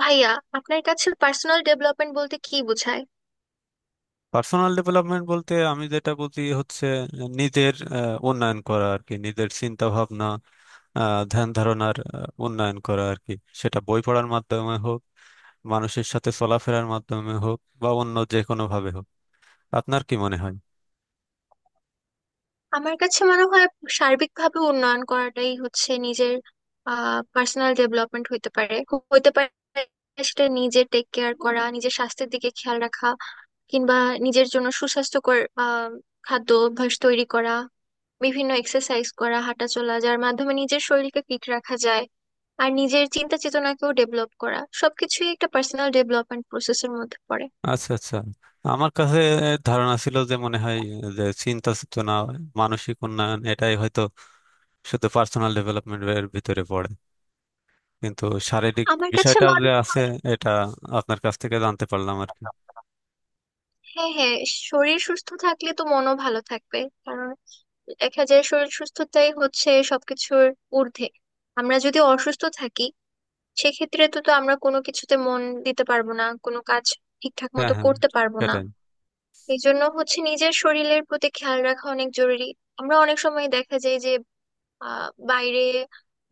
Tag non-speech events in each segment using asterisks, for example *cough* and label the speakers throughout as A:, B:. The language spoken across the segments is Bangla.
A: ভাইয়া, আপনার কাছে পার্সোনাল ডেভেলপমেন্ট বলতে কি বোঝায়?
B: পার্সোনাল ডেভেলপমেন্ট বলতে আমি যেটা বুঝি হচ্ছে নিজের উন্নয়ন করা আর কি। নিজের চিন্তা ভাবনা, ধ্যান ধারণার উন্নয়ন করা আর কি। সেটা বই পড়ার মাধ্যমে হোক, মানুষের সাথে চলাফেরার মাধ্যমে হোক, বা অন্য যে কোনো ভাবে হোক। আপনার কি মনে হয়?
A: আমার কাছে মনে হয় সার্বিকভাবে উন্নয়ন করাটাই হচ্ছে নিজের পার্সোনাল ডেভেলপমেন্ট। হইতে পারে হইতে পারে সেটা নিজে টেক কেয়ার করা, নিজের স্বাস্থ্যের দিকে খেয়াল রাখা, কিংবা নিজের জন্য সুস্বাস্থ্যকর আহ খাদ্য অভ্যাস তৈরি করা, বিভিন্ন এক্সারসাইজ করা, হাঁটা চলা, যার মাধ্যমে নিজের শরীরকে ফিট রাখা যায়। আর নিজের চিন্তা চেতনাকেও ডেভেলপ করা, সবকিছুই একটা পার্সোনাল ডেভেলপমেন্ট প্রসেসের মধ্যে পড়ে।
B: আচ্ছা, আচ্ছা। আমার কাছে ধারণা ছিল যে, মনে হয় যে চিন্তা চেতনা, মানসিক উন্নয়ন এটাই হয়তো শুধু পার্সোনাল ডেভেলপমেন্টের ভিতরে পড়ে, কিন্তু শারীরিক
A: আমার কাছে
B: বিষয়টাও
A: মনে
B: যে আছে
A: হয়,
B: এটা আপনার কাছ থেকে জানতে পারলাম আর কি।
A: হ্যাঁ হ্যাঁ, শরীর সুস্থ থাকলে তো মনও ভালো থাকবে। কারণ দেখা যায় শরীর সুস্থতাই হচ্ছে সবকিছুর ঊর্ধ্বে। আমরা যদি অসুস্থ থাকি, সেক্ষেত্রে তো তো আমরা কোনো কিছুতে মন দিতে পারবো না, কোনো কাজ ঠিকঠাক
B: হ্যাঁ,
A: মতো
B: হ্যাঁ,
A: করতে পারবো না।
B: সেটাই।
A: এই জন্য হচ্ছে নিজের শরীরের প্রতি খেয়াল রাখা অনেক জরুরি। আমরা অনেক সময় দেখা যায় যে বাইরে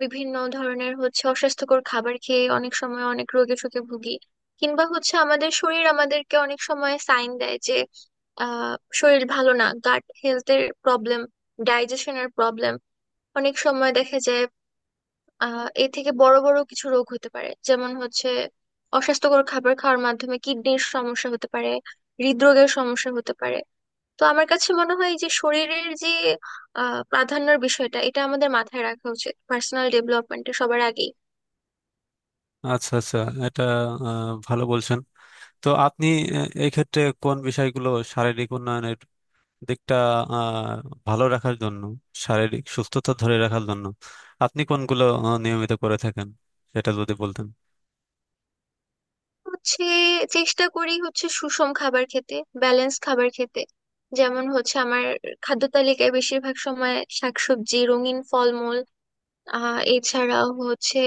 A: বিভিন্ন ধরনের হচ্ছে অস্বাস্থ্যকর খাবার খেয়ে অনেক সময় অনেক রোগে শোকে ভুগি, কিংবা হচ্ছে আমাদের শরীর আমাদেরকে অনেক সময় সাইন দেয় যে শরীর ভালো না, গাট হেলথের প্রবলেম, ডাইজেশনের প্রবলেম। অনেক সময় দেখা যায় এ থেকে বড় বড় কিছু রোগ হতে পারে, যেমন হচ্ছে অস্বাস্থ্যকর খাবার খাওয়ার মাধ্যমে কিডনির সমস্যা হতে পারে, হৃদরোগের সমস্যা হতে পারে। তো আমার কাছে মনে হয় যে শরীরের যে প্রাধান্যের বিষয়টা, এটা আমাদের মাথায় রাখা উচিত পার্সোনাল ডেভেলপমেন্টে সবার আগেই।
B: আচ্ছা, আচ্ছা। এটা ভালো বলছেন। তো আপনি এই ক্ষেত্রে কোন বিষয়গুলো শারীরিক উন্নয়নের দিকটা আহ, ভালো রাখার জন্য, শারীরিক সুস্থতা ধরে রাখার জন্য আপনি কোনগুলো নিয়মিত করে থাকেন, সেটা যদি বলতেন।
A: হচ্ছে চেষ্টা করি হচ্ছে সুষম খাবার খেতে, ব্যালেন্স খাবার খেতে। যেমন হচ্ছে আমার খাদ্য তালিকায় বেশিরভাগ সময় শাকসবজি, রঙিন ফলমূল। এছাড়াও হচ্ছে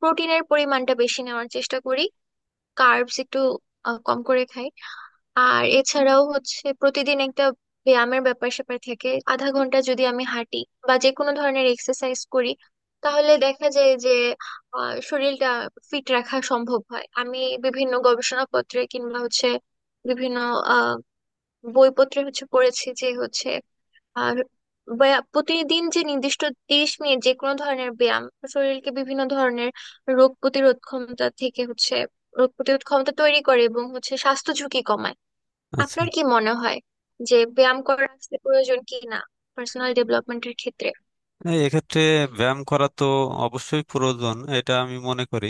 A: প্রোটিনের পরিমাণটা বেশি নেওয়ার চেষ্টা করি, কার্বস একটু কম করে খাই। আর এছাড়াও হচ্ছে প্রতিদিন একটা ব্যায়ামের ব্যাপার স্যাপার থেকে আধা ঘন্টা যদি আমি হাঁটি বা যে কোনো ধরনের এক্সারসাইজ করি, তাহলে দেখা যায় যে শরীরটা ফিট রাখা সম্ভব হয়। আমি বিভিন্ন গবেষণাপত্রে কিংবা হচ্ছে বিভিন্ন আহ বইপত্রে হচ্ছে পড়েছি যে হচ্ছে আর প্রতিদিন যে নির্দিষ্ট 30 মিনিট যে কোনো ধরনের ব্যায়াম শরীরকে বিভিন্ন ধরনের রোগ প্রতিরোধ ক্ষমতা থেকে হচ্ছে রোগ প্রতিরোধ ক্ষমতা তৈরি করে এবং হচ্ছে স্বাস্থ্য ঝুঁকি কমায়।
B: আচ্ছা।
A: আপনার কি মনে হয় যে ব্যায়াম করা আসলে প্রয়োজন কি না পার্সোনাল ডেভেলপমেন্টের ক্ষেত্রে?
B: এই এক্ষেত্রে ব্যায়াম করা তো অবশ্যই প্রয়োজন, এটা আমি মনে করি।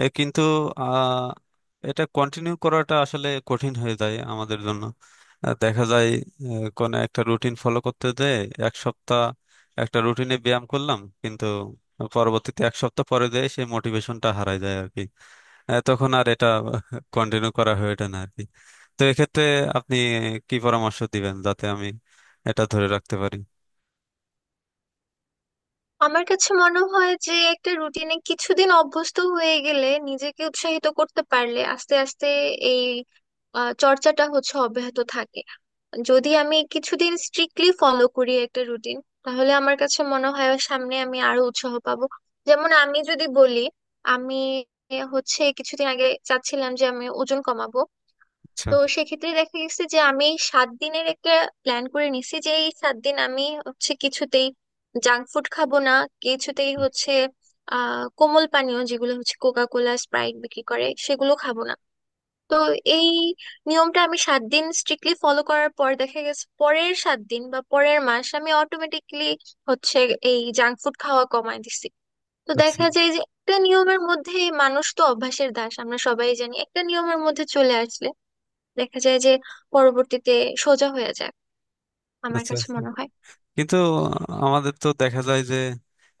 B: এ কিন্তু আহ, এটা কন্টিনিউ করাটা আসলে কঠিন হয়ে যায় আমাদের জন্য। দেখা যায় কোনো একটা রুটিন ফলো করতে দেয় এক সপ্তাহ। একটা রুটিনে ব্যায়াম করলাম, কিন্তু পরবর্তীতে এক সপ্তাহ পরে দেয় সেই মোটিভেশনটা হারায় যায় আর কি। তখন আর এটা *laughs* কন্টিনিউ করা হয়ে ওঠে না আর কি। তো এক্ষেত্রে আপনি কি পরামর্শ দিবেন যাতে আমি এটা ধরে রাখতে পারি?
A: আমার কাছে মনে হয় যে একটা রুটিনে কিছুদিন অভ্যস্ত হয়ে গেলে, নিজেকে উৎসাহিত করতে পারলে, আস্তে আস্তে এই চর্চাটা হচ্ছে অব্যাহত থাকে। যদি আমি কিছুদিন স্ট্রিক্টলি ফলো করি একটা রুটিন, তাহলে আমার কাছে মনে হয় সামনে আমি আরো উৎসাহ পাবো। যেমন আমি যদি বলি, আমি হচ্ছে কিছুদিন আগে চাচ্ছিলাম যে আমি ওজন কমাবো।
B: আচ্ছা,
A: তো সেক্ষেত্রে দেখা গেছে যে আমি 7 দিনের একটা প্ল্যান করে নিছি যে এই 7 দিন আমি হচ্ছে কিছুতেই জাঙ্ক ফুড খাবো না, কিছুতেই হচ্ছে কোমল পানীয় যেগুলো হচ্ছে কোকা কোলা, স্প্রাইট বিক্রি করে সেগুলো খাবো না। তো এই নিয়মটা আমি সাত দিন স্ট্রিক্টলি ফলো করার পর দেখা গেছে পরের 7 দিন বা পরের মাস আমি অটোমেটিকলি হচ্ছে এই জাঙ্ক ফুড খাওয়া কমায় দিছি। তো
B: আচ্ছা।
A: দেখা যায় যে একটা নিয়মের মধ্যে মানুষ, তো অভ্যাসের দাস আমরা সবাই জানি, একটা নিয়মের মধ্যে চলে আসলে দেখা যায় যে পরবর্তীতে সোজা হয়ে যায়। আমার
B: আচ্ছা,
A: কাছে
B: আচ্ছা।
A: মনে হয়।
B: কিন্তু আমাদের তো দেখা যায় যে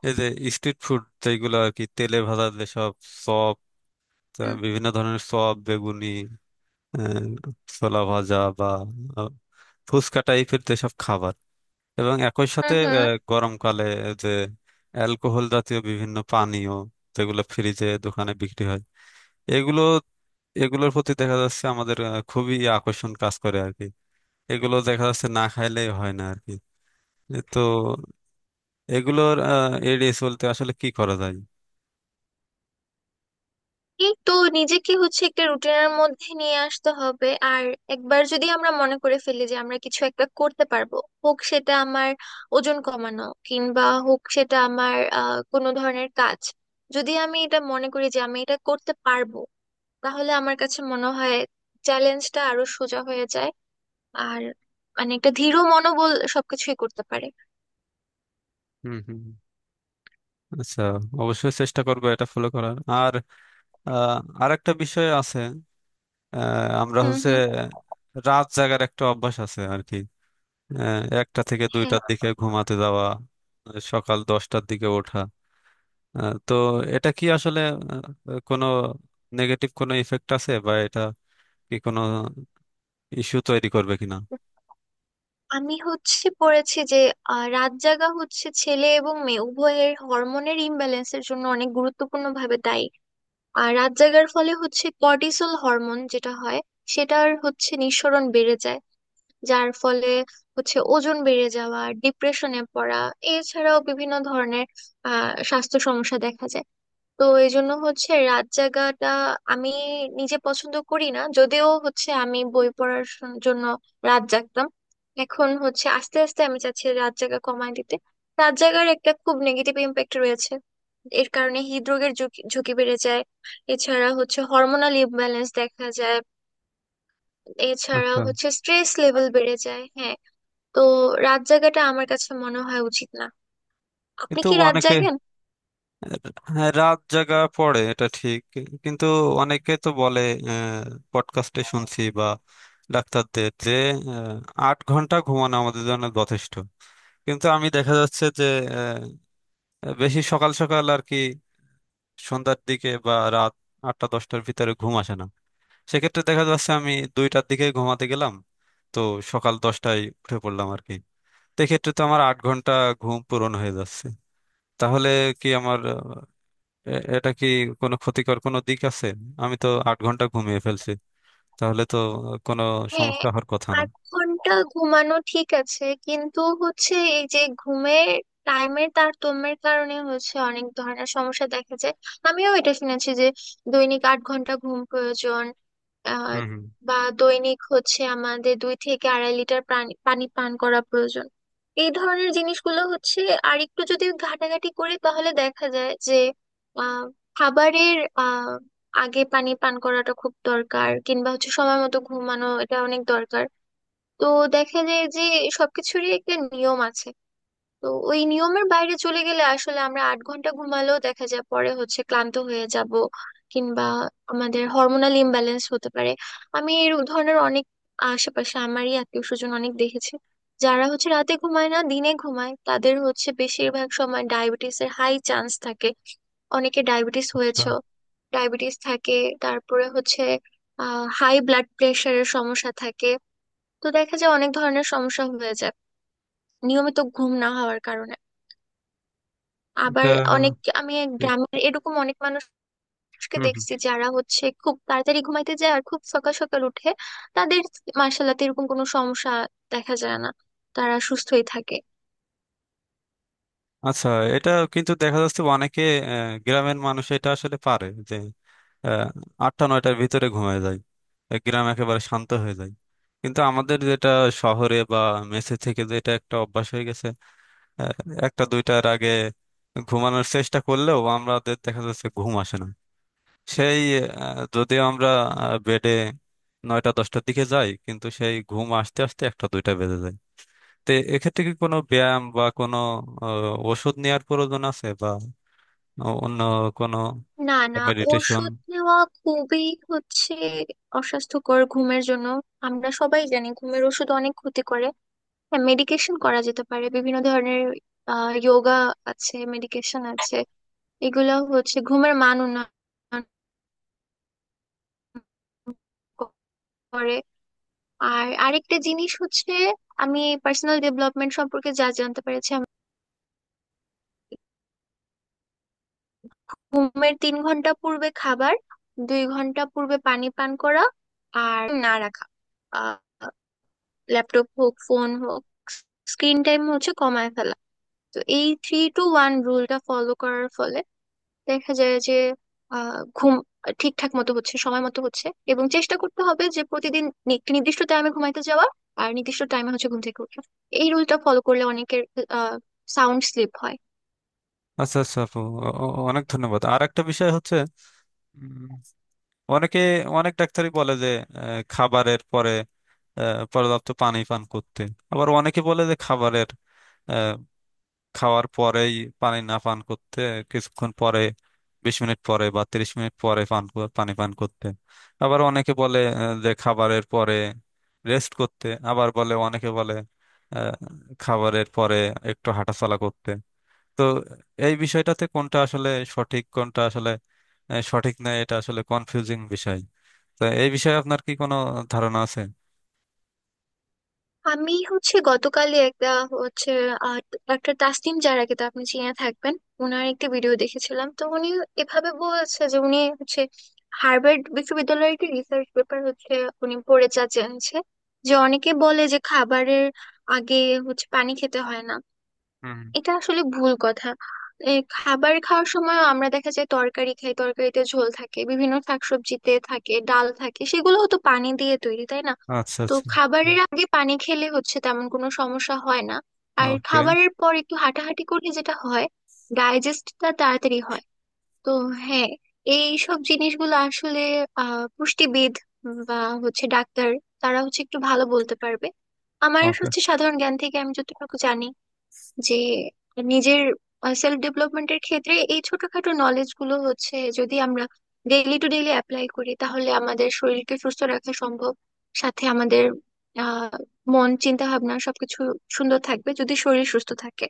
B: এই যে স্ট্রিট ফুড যেগুলো আর কি, তেলে ভাজা যেসব চপ,
A: হুম
B: বিভিন্ন ধরনের চপ, বেগুনি, আহ, ছোলা ভাজা, বা আহ, ফুচকা টাইপের যেসব খাবার, এবং একই সাথে
A: হুম হুম।
B: গরমকালে যে অ্যালকোহল জাতীয় বিভিন্ন পানীয় যেগুলো ফ্রিজে দোকানে বিক্রি হয়, এগুলো, এগুলোর প্রতি দেখা যাচ্ছে আমাদের খুবই আকর্ষণ কাজ করে আর কি। এগুলো দেখা যাচ্ছে না খাইলেই হয় না আর কি। এ তো, এগুলোর এড়িয়ে চলতে আসলে কি করা যায়?
A: এই তো নিজেকে হচ্ছে একটা রুটিনের মধ্যে নিয়ে আসতে হবে। আর একবার যদি আমরা মনে করে ফেলি যে আমরা কিছু একটা করতে পারবো, হোক সেটা আমার ওজন কমানো কিংবা হোক সেটা আমার কোনো ধরনের কাজ, যদি আমি এটা মনে করি যে আমি এটা করতে পারবো, তাহলে আমার কাছে মনে হয় চ্যালেঞ্জটা আরো সোজা হয়ে যায়। আর মানে একটা দৃঢ় মনোবল সবকিছুই করতে পারে।
B: হুম, হুম, হুম। আচ্ছা, অবশ্যই চেষ্টা করবো এটা ফলো করার। আর আর একটা বিষয় আছে, আমরা
A: হুম
B: হচ্ছে
A: হুম,
B: রাত জাগার একটা অভ্যাস আছে আর কি। একটা থেকে
A: হ্যাঁ।
B: দুইটার দিকে ঘুমাতে যাওয়া, সকাল 10টার দিকে ওঠা। তো এটা কি আসলে কোনো নেগেটিভ কোনো ইফেক্ট আছে, বা এটা কি কোনো ইস্যু তৈরি করবে কিনা?
A: আমি হচ্ছে পড়েছি যে রাত জাগা হচ্ছে ছেলে এবং মেয়ে উভয়ের হরমোনের ইমব্যালেন্সের জন্য অনেক গুরুত্বপূর্ণ ভাবে দায়ী। আর রাত জাগার ফলে হচ্ছে কর্টিসল হরমোন যেটা হয়, সেটার হচ্ছে নিঃসরণ বেড়ে যায়, যার ফলে হচ্ছে ওজন বেড়ে যাওয়া, ডিপ্রেশনে পড়া, এছাড়াও বিভিন্ন ধরনের স্বাস্থ্য সমস্যা দেখা যায়। তো এই জন্য হচ্ছে রাত জাগাটা আমি নিজে পছন্দ করি না, যদিও হচ্ছে আমি বই পড়ার জন্য রাত জাগতাম। এখন হচ্ছে আস্তে আস্তে আমি চাচ্ছি রাত জাগা কমায় দিতে। রাত জাগার একটা খুব নেগেটিভ ইমপ্যাক্ট রয়েছে। এর কারণে হৃদরোগের ঝুঁকি ঝুঁকি বেড়ে যায়। এছাড়া হচ্ছে হরমোনাল ইমব্যালেন্স দেখা যায়, এছাড়া
B: আচ্ছা,
A: হচ্ছে স্ট্রেস লেভেল বেড়ে যায়, হ্যাঁ। তো রাত জাগাটা আমার কাছে মনে হয় উচিত না। আপনি
B: কিন্তু
A: কি রাত
B: অনেকে,
A: জাগেন?
B: হ্যাঁ রাত জাগা পড়ে এটা ঠিক। কিন্তু অনেকে তো বলে, পডকাস্টে শুনছি বা ডাক্তারদের, যে আহ, 8 ঘন্টা ঘুমানো আমাদের জন্য যথেষ্ট। কিন্তু আমি দেখা যাচ্ছে যে আহ, বেশি সকাল সকাল আর কি, সন্ধ্যার দিকে বা রাত 8টা 10টার ভিতরে ঘুম আসে না। সেক্ষেত্রে দেখা যাচ্ছে আমি 2টার দিকে ঘুমাতে গেলাম, তো সকাল 10টায় উঠে পড়লাম আর কি। সেক্ষেত্রে তো আমার 8 ঘন্টা ঘুম পূরণ হয়ে যাচ্ছে। তাহলে কি আমার এটা কি কোনো ক্ষতিকর কোনো দিক আছে? আমি তো 8 ঘন্টা ঘুমিয়ে ফেলছি, তাহলে তো কোনো
A: হ্যাঁ,
B: সমস্যা হওয়ার কথা না।
A: 8 ঘন্টা ঘুমানো ঠিক আছে, কিন্তু হচ্ছে এই যে ঘুমের টাইমের তারতম্যের কারণে হচ্ছে অনেক ধরনের সমস্যা দেখা যায়। আমিও এটা শুনেছি যে দৈনিক 8 ঘন্টা ঘুম প্রয়োজন। আহ
B: হুম, হুম।
A: বা দৈনিক হচ্ছে আমাদের দুই থেকে আড়াই লিটার পানি পানি পান করা প্রয়োজন। এই ধরনের জিনিসগুলো হচ্ছে, আর একটু যদি ঘাটাঘাটি করি, তাহলে দেখা যায় যে আহ খাবারের আগে পানি পান করাটা খুব দরকার, কিংবা হচ্ছে সময় মতো ঘুমানো, এটা অনেক দরকার। তো দেখা যায় যে সবকিছুরই একটা নিয়ম আছে। তো ওই নিয়মের বাইরে চলে গেলে আসলে আমরা 8 ঘন্টা ঘুমালেও দেখা যায় পরে হচ্ছে ক্লান্ত হয়ে যাব, কিংবা আমাদের হরমোনাল ইমব্যালেন্স হতে পারে। আমি এই ধরনের অনেক আশেপাশে আমারই আত্মীয় স্বজন অনেক দেখেছি, যারা হচ্ছে রাতে ঘুমায় না, দিনে ঘুমায়, তাদের হচ্ছে বেশিরভাগ সময় ডায়াবেটিসের হাই চান্স থাকে। অনেকে ডায়াবেটিস
B: আচ্ছা,
A: হয়েছে, ডায়াবেটিস থাকে। তারপরে হচ্ছে হাই ব্লাড প্রেশারের সমস্যা থাকে। তো দেখা যায় অনেক ধরনের সমস্যা হয়ে যায় নিয়মিত ঘুম না হওয়ার কারণে। আবার
B: এটা
A: অনেক আমি
B: ঠিক।
A: গ্রামের এরকম অনেক মানুষকে
B: হুম, হুম।
A: দেখছি, যারা হচ্ছে খুব তাড়াতাড়ি ঘুমাইতে যায় আর খুব সকাল সকাল উঠে। তাদের মার্শাল্লাহ এরকম কোনো সমস্যা দেখা যায় না, তারা সুস্থই থাকে।
B: আচ্ছা, এটা কিন্তু দেখা যাচ্ছে অনেকে, গ্রামের মানুষ এটা আসলে পারে যে আহ, 8টা 9টার ভিতরে ঘুমিয়ে যায়। গ্রাম একেবারে শান্ত হয়ে যায়। কিন্তু আমাদের যেটা শহরে বা মেসে থেকে যেটা একটা অভ্যাস হয়ে গেছে, আহ, 1টা 2টার আগে ঘুমানোর চেষ্টা করলেও আমাদের দেখা যাচ্ছে ঘুম আসে না। সেই যদিও আমরা বেডে 9টা 10টার দিকে যাই, কিন্তু সেই ঘুম আসতে আসতে 1টা 2টা বেজে যায়। তো এক্ষেত্রে কি কোনো ব্যায়াম বা কোনো ওষুধ নেওয়ার প্রয়োজন আছে, বা অন্য কোনো
A: না না,
B: মেডিটেশন?
A: ওষুধ নেওয়া খুবই হচ্ছে অস্বাস্থ্যকর ঘুমের জন্য। আমরা সবাই জানি ঘুমের ওষুধ অনেক ক্ষতি করে। হ্যাঁ, মেডিকেশন করা যেতে পারে, বিভিন্ন ধরনের যোগা আছে, মেডিকেশন আছে, এগুলো হচ্ছে ঘুমের মান উন্নয়ন করে। আর আরেকটা জিনিস হচ্ছে, আমি পার্সোনাল ডেভেলপমেন্ট সম্পর্কে যা জানতে পেরেছি, আমি ঘুমের 3 ঘন্টা পূর্বে খাবার, 2 ঘন্টা পূর্বে পানি পান করা, আর না রাখা ল্যাপটপ হোক, ফোন হোক, স্ক্রিন টাইম হচ্ছে কমায় ফেলা। তো এই থ্রি টু ওয়ান রুলটা ফলো করার ফলে দেখা যায় যে ঘুম ঠিকঠাক মতো হচ্ছে, সময় মতো হচ্ছে। এবং চেষ্টা করতে হবে যে প্রতিদিন একটি নির্দিষ্ট টাইমে ঘুমাইতে যাওয়া আর নির্দিষ্ট টাইমে হচ্ছে ঘুম থেকে ওঠা। এই রুলটা ফলো করলে অনেকের সাউন্ড স্লিপ হয়।
B: আচ্ছা, আচ্ছা আপু, অনেক ধন্যবাদ। আর একটা বিষয় হচ্ছে, উম, অনেকে, অনেক ডাক্তারই বলে যে খাবারের পরে পর্যাপ্ত পানি পান করতে। আবার অনেকে বলে যে খাবারের, খাওয়ার পরেই পানি না পান করতে, কিছুক্ষণ পরে, 20 মিনিট পরে বা 30 মিনিট পরে পানি পান করতে। আবার অনেকে বলে যে খাবারের পরে রেস্ট করতে। আবার বলে, অনেকে বলে আহ, খাবারের পরে একটু হাঁটাচলা করতে। তো এই বিষয়টাতে কোনটা আসলে সঠিক, কোনটা আসলে সঠিক নয়, এটা আসলে কনফিউজিং বিষয়। তো এই বিষয়ে আপনার কি কোনো ধারণা আছে?
A: আমি হচ্ছে গতকালই একটা হচ্ছে আহ, একটা তাসনিম জারাকে তো আপনি চিনে থাকবেন, ওনার একটি ভিডিও দেখেছিলাম। তো উনি এভাবে বলছে যে উনি হচ্ছে হার্ভার্ড বিশ্ববিদ্যালয়ের একটি রিসার্চ পেপার হচ্ছে উনি পড়ে যা জেনেছে যে অনেকে বলে যে খাবারের আগে হচ্ছে পানি খেতে হয় না,
B: হুম।
A: এটা আসলে ভুল কথা। এ, খাবার খাওয়ার সময় আমরা দেখা যায় তরকারি খাই, তরকারিতে ঝোল থাকে, বিভিন্ন শাকসবজিতে থাকে, ডাল থাকে, সেগুলোও তো পানি দিয়ে তৈরি, তাই না?
B: আচ্ছা,
A: তো
B: আচ্ছা।
A: খাবারের আগে পানি খেলে হচ্ছে তেমন কোনো সমস্যা হয় না। আর খাবারের পর একটু হাঁটাহাঁটি করলে যেটা হয়, ডাইজেস্টটা তাড়াতাড়ি হয়। তো হ্যাঁ, এই সব জিনিসগুলো আসলে পুষ্টিবিদ বা হচ্ছে ডাক্তার, তারা হচ্ছে একটু ভালো বলতে পারবে। আমার
B: ওকে।
A: হচ্ছে সাধারণ জ্ঞান থেকে আমি যতটুকু জানি, যে নিজের সেলফ ডেভেলপমেন্টের ক্ষেত্রে এই ছোটখাটো নলেজ গুলো হচ্ছে যদি আমরা ডেইলি টু ডেইলি অ্যাপ্লাই করি, তাহলে আমাদের শরীরকে সুস্থ রাখা সম্ভব। সাথে আমাদের আহ মন, চিন্তা ভাবনা সবকিছু সুন্দর থাকবে যদি শরীর সুস্থ থাকে।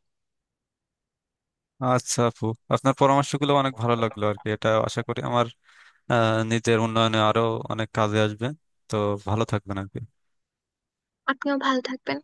B: আচ্ছা আপু, আপনার পরামর্শগুলো অনেক ভালো লাগলো আর কি। এটা আশা করি আমার নিজের উন্নয়নে আরো অনেক কাজে আসবে। তো ভালো থাকবেন আর কি।
A: আপনিও ভালো থাকবেন।